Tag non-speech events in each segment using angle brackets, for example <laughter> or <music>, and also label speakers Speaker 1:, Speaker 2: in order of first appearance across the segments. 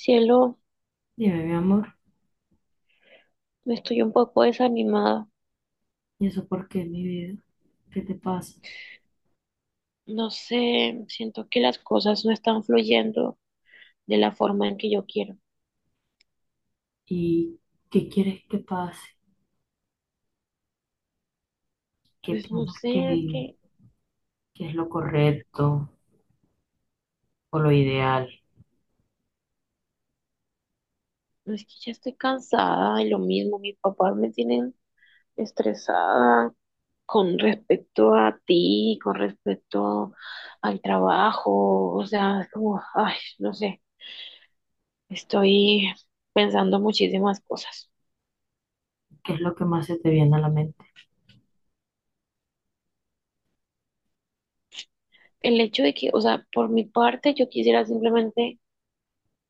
Speaker 1: Cielo,
Speaker 2: Dime, mi amor,
Speaker 1: estoy un poco desanimada.
Speaker 2: ¿y eso por qué, mi vida? ¿Qué te pasa?
Speaker 1: No sé, siento que las cosas no están fluyendo de la forma en que yo quiero.
Speaker 2: ¿Y qué quieres que pase? ¿Qué
Speaker 1: Pues no
Speaker 2: piensas
Speaker 1: sé, es que,
Speaker 2: que es lo correcto o lo ideal?
Speaker 1: no es que ya estoy cansada y lo mismo. Mis papás me tienen estresada con respecto a ti, con respecto al trabajo. O sea, es como, ay, no sé, estoy pensando muchísimas cosas.
Speaker 2: ¿Qué es lo que más se te viene a la mente?
Speaker 1: El hecho de que, o sea, por mi parte, yo quisiera simplemente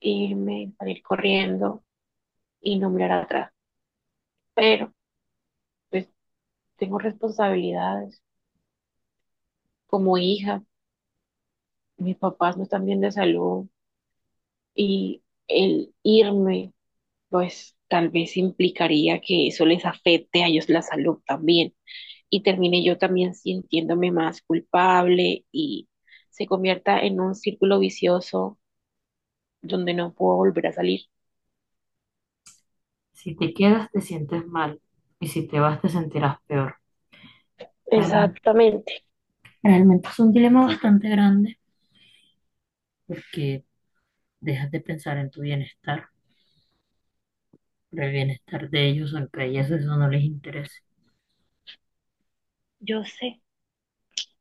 Speaker 1: irme, salir corriendo y no mirar atrás. Pero pues tengo responsabilidades como hija, mis papás no están bien de salud y el irme pues tal vez implicaría que eso les afecte a ellos la salud también y termine yo también sintiéndome más culpable y se convierta en un círculo vicioso donde no puedo volver a salir.
Speaker 2: Si te quedas, te sientes mal. Y si te vas, te sentirás peor. Realmente,
Speaker 1: Exactamente,
Speaker 2: realmente es un dilema bastante grande porque dejas de pensar en tu bienestar, pero el bienestar de ellos, aunque a ellas eso no les interese.
Speaker 1: yo sé,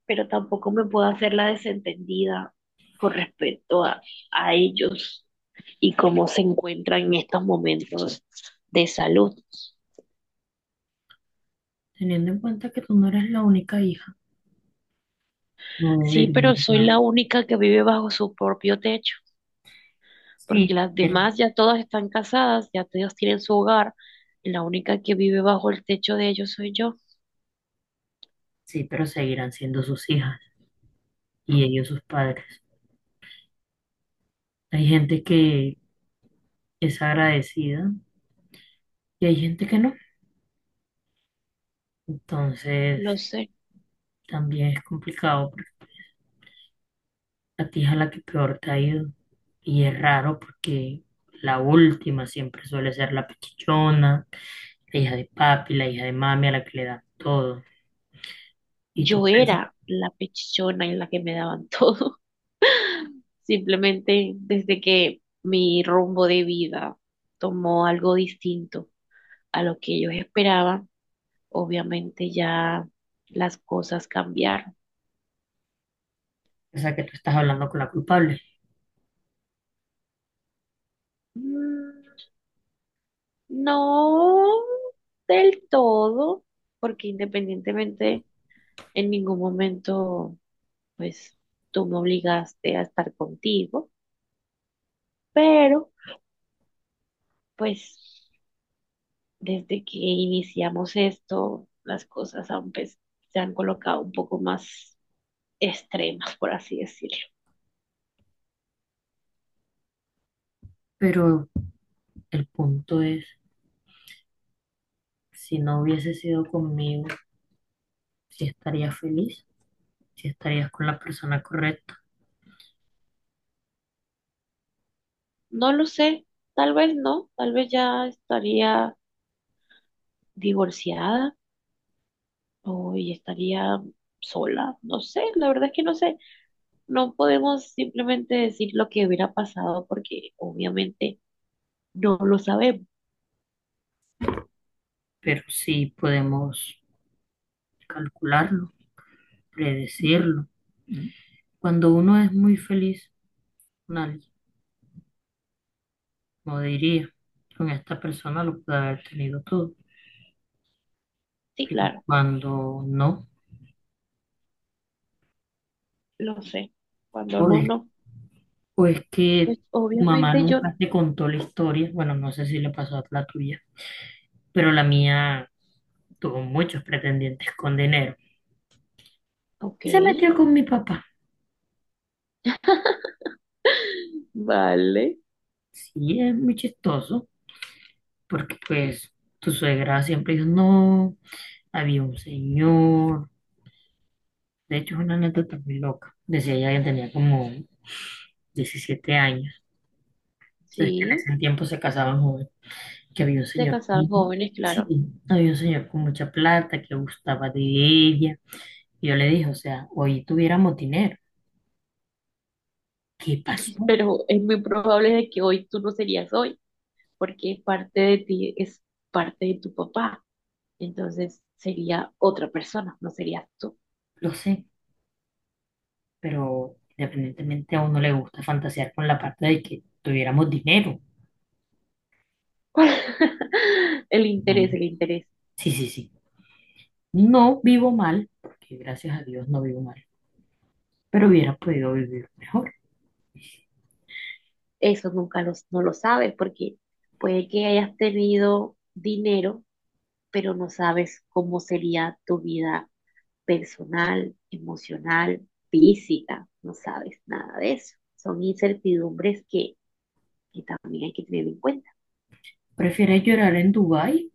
Speaker 1: pero tampoco me puedo hacer la desentendida con respecto a ellos y cómo se encuentran en estos momentos de salud.
Speaker 2: Teniendo en cuenta que tú no eres la única hija, no
Speaker 1: Sí, pero soy
Speaker 2: debería.
Speaker 1: la única que vive bajo su propio techo, porque
Speaker 2: Sí,
Speaker 1: las
Speaker 2: pero
Speaker 1: demás ya todas están casadas, ya todas tienen su hogar, y la única que vive bajo el techo de ellos soy yo,
Speaker 2: sí, pero seguirán siendo sus hijas y ellos sus padres. Hay gente que es agradecida y hay gente que no. Entonces,
Speaker 1: lo sé.
Speaker 2: también es complicado porque la tía es a la que peor te ha ido. Y es raro porque la última siempre suele ser la pichichona, la hija de papi, la hija de mami a la que le dan todo. Y tú
Speaker 1: Yo era la pechichona en la que me daban todo, <laughs> simplemente desde que mi rumbo de vida tomó algo distinto a lo que ellos esperaban, obviamente ya las cosas cambiaron.
Speaker 2: piensas que tú estás hablando con la culpable.
Speaker 1: Mm, No del todo, porque independientemente en ningún momento, pues tú me obligaste a estar contigo, pero pues desde que iniciamos esto, las cosas han, pues, se han colocado un poco más extremas, por así decirlo.
Speaker 2: Pero el punto es, si no hubiese sido conmigo, si estaría feliz, si estarías con la persona correcta,
Speaker 1: No lo sé, tal vez no, tal vez ya estaría divorciada o y estaría sola, no sé, la verdad es que no sé, no podemos simplemente decir lo que hubiera pasado porque obviamente no lo sabemos.
Speaker 2: pero sí podemos calcularlo, predecirlo. Cuando uno es muy feliz con alguien, como diría, con esta persona lo puede haber tenido todo,
Speaker 1: Sí,
Speaker 2: pero
Speaker 1: claro,
Speaker 2: cuando no,
Speaker 1: lo sé. Cuando
Speaker 2: o
Speaker 1: no,
Speaker 2: es,
Speaker 1: no,
Speaker 2: o es que
Speaker 1: pues
Speaker 2: tu mamá
Speaker 1: obviamente yo,
Speaker 2: nunca te contó la historia, bueno, no sé si le pasó a la tuya, pero la mía tuvo muchos pretendientes con dinero
Speaker 1: ok,
Speaker 2: y se metió con mi papá.
Speaker 1: vale,
Speaker 2: Sí, es muy chistoso, porque pues tu suegra siempre dijo, no. Había un señor, de hecho es una anécdota muy loca, decía ella que tenía como 17 años, entonces que
Speaker 1: sí,
Speaker 2: en ese tiempo se casaban jóvenes, que había un
Speaker 1: se
Speaker 2: señor,
Speaker 1: casaron
Speaker 2: con-
Speaker 1: jóvenes,
Speaker 2: sí,
Speaker 1: claro,
Speaker 2: había un señor con mucha plata que gustaba de ella, y yo le dije, o sea, hoy tuviéramos dinero, ¿qué pasó?
Speaker 1: pero es muy probable de que hoy tú no serías hoy porque parte de ti es parte de tu papá, entonces sería otra persona, no serías tú.
Speaker 2: Lo sé, pero independientemente a uno le gusta fantasear con la parte de que tuviéramos dinero,
Speaker 1: <laughs> El
Speaker 2: ¿no?
Speaker 1: interés, el interés.
Speaker 2: Sí, sí, sí. No vivo mal, porque gracias a Dios no vivo mal, pero hubiera podido vivir mejor.
Speaker 1: Eso nunca los, no lo sabes porque puede que hayas tenido dinero, pero no sabes cómo sería tu vida personal, emocional, física. No sabes nada de eso. Son incertidumbres que también hay que tener en cuenta.
Speaker 2: ¿Prefieres llorar en Dubái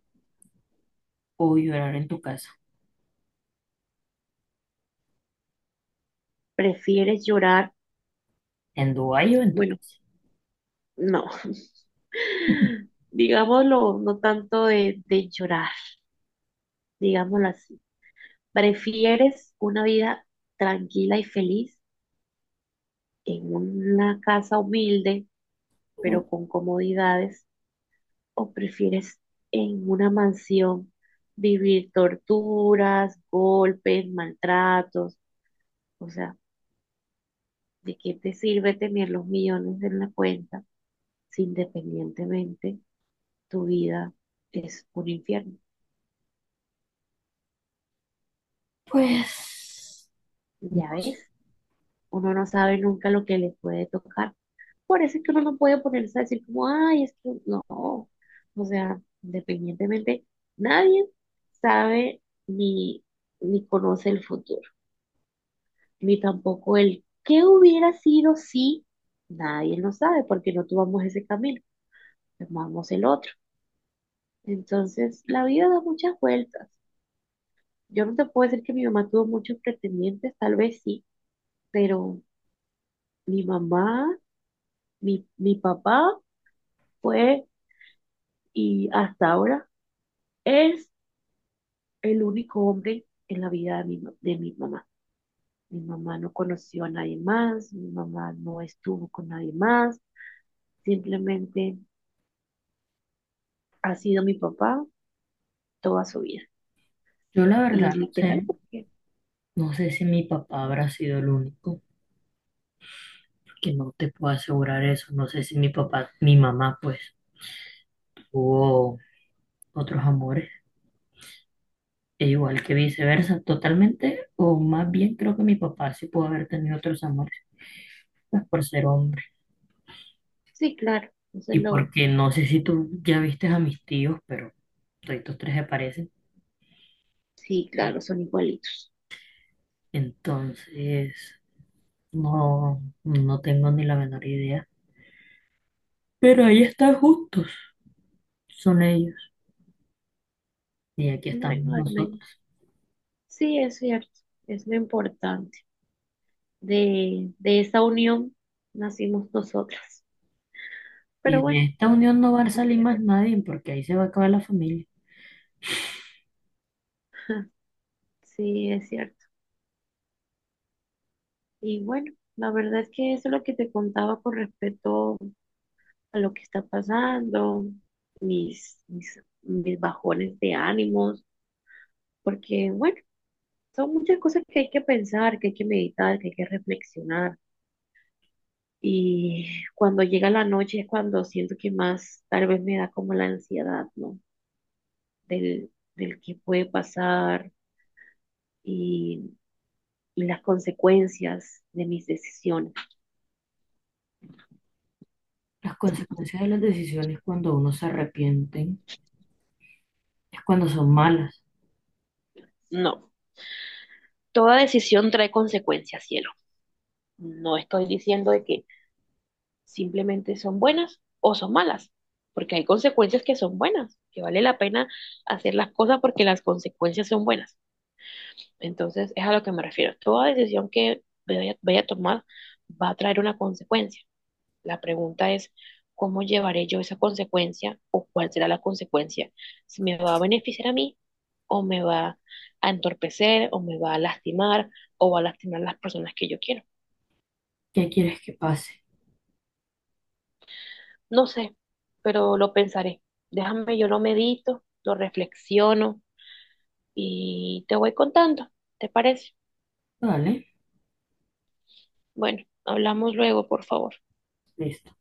Speaker 2: o llorar en tu casa?
Speaker 1: ¿Prefieres llorar?
Speaker 2: ¿En Dubái o en tu
Speaker 1: Bueno,
Speaker 2: casa?
Speaker 1: no. <laughs>
Speaker 2: <laughs>
Speaker 1: Digámoslo, no tanto de llorar, digámoslo así. ¿Prefieres una vida tranquila y feliz en una casa humilde, pero con comodidades? ¿O prefieres en una mansión vivir torturas, golpes, maltratos? O sea, ¿de qué te sirve tener los millones en la cuenta si independientemente tu vida es un infierno?
Speaker 2: Pues, no
Speaker 1: Ya
Speaker 2: sé.
Speaker 1: ves, uno no sabe nunca lo que le puede tocar. Por eso es que uno no puede ponerse a decir como, ay, es que no. O sea, independientemente, nadie sabe ni, ni conoce el futuro, ni tampoco el qué hubiera sido si nadie lo sabe, porque no tomamos ese camino, tomamos el otro. Entonces, la vida da muchas vueltas. Yo no te puedo decir que mi mamá tuvo muchos pretendientes, tal vez sí, pero mi mamá, mi papá fue, y hasta ahora es el único hombre en la vida de de mi mamá. Mi mamá no conoció a nadie más, mi mamá no estuvo con nadie más, simplemente ha sido mi papá toda su vida.
Speaker 2: Yo la verdad
Speaker 1: Y
Speaker 2: no
Speaker 1: literal,
Speaker 2: sé,
Speaker 1: porque
Speaker 2: no sé si mi papá habrá sido el único, porque no te puedo asegurar eso, no sé si mi papá, mi mamá pues tuvo otros amores, e igual que viceversa, totalmente, o más bien creo que mi papá sí pudo haber tenido otros amores, pues por ser hombre,
Speaker 1: sí, claro, entonces
Speaker 2: y
Speaker 1: lo,
Speaker 2: porque no sé si tú ya viste a mis tíos, pero todos tres se parecen,
Speaker 1: sí, claro, son igualitos.
Speaker 2: entonces no, no tengo ni la menor idea. Pero ahí están justos, son ellos. Y aquí
Speaker 1: No
Speaker 2: estamos
Speaker 1: hay- no hay-
Speaker 2: nosotros.
Speaker 1: no Sí, es cierto, es lo importante. De esa unión nacimos nosotras.
Speaker 2: Y
Speaker 1: Pero bueno,
Speaker 2: de esta unión no va a salir más nadie porque ahí se va a acabar la familia.
Speaker 1: sí, es cierto. Y bueno, la verdad es que eso es lo que te contaba con respecto a lo que está pasando, mis bajones de ánimos, porque bueno, son muchas cosas que hay que pensar, que hay que meditar, que hay que reflexionar. Y cuando llega la noche es cuando siento que más tal vez me da como la ansiedad, ¿no? Del, Del que puede pasar y, y las consecuencias de mis decisiones.
Speaker 2: Las consecuencias de las decisiones cuando uno se arrepienten es cuando son malas.
Speaker 1: No, toda decisión trae consecuencias, cielo. No estoy diciendo de que simplemente son buenas o son malas, porque hay consecuencias que son buenas, que vale la pena hacer las cosas porque las consecuencias son buenas. Entonces, es a lo que me refiero. Toda decisión que vaya a tomar va a traer una consecuencia. La pregunta es, ¿cómo llevaré yo esa consecuencia o cuál será la consecuencia? Si me va a beneficiar a mí o me va a entorpecer o me va a lastimar o va a lastimar a las personas que yo quiero.
Speaker 2: ¿Qué quieres que pase?
Speaker 1: No sé, pero lo pensaré. Déjame, yo lo medito, lo reflexiono y te voy contando. ¿Te parece?
Speaker 2: Vale,
Speaker 1: Bueno, hablamos luego, por favor.
Speaker 2: listo.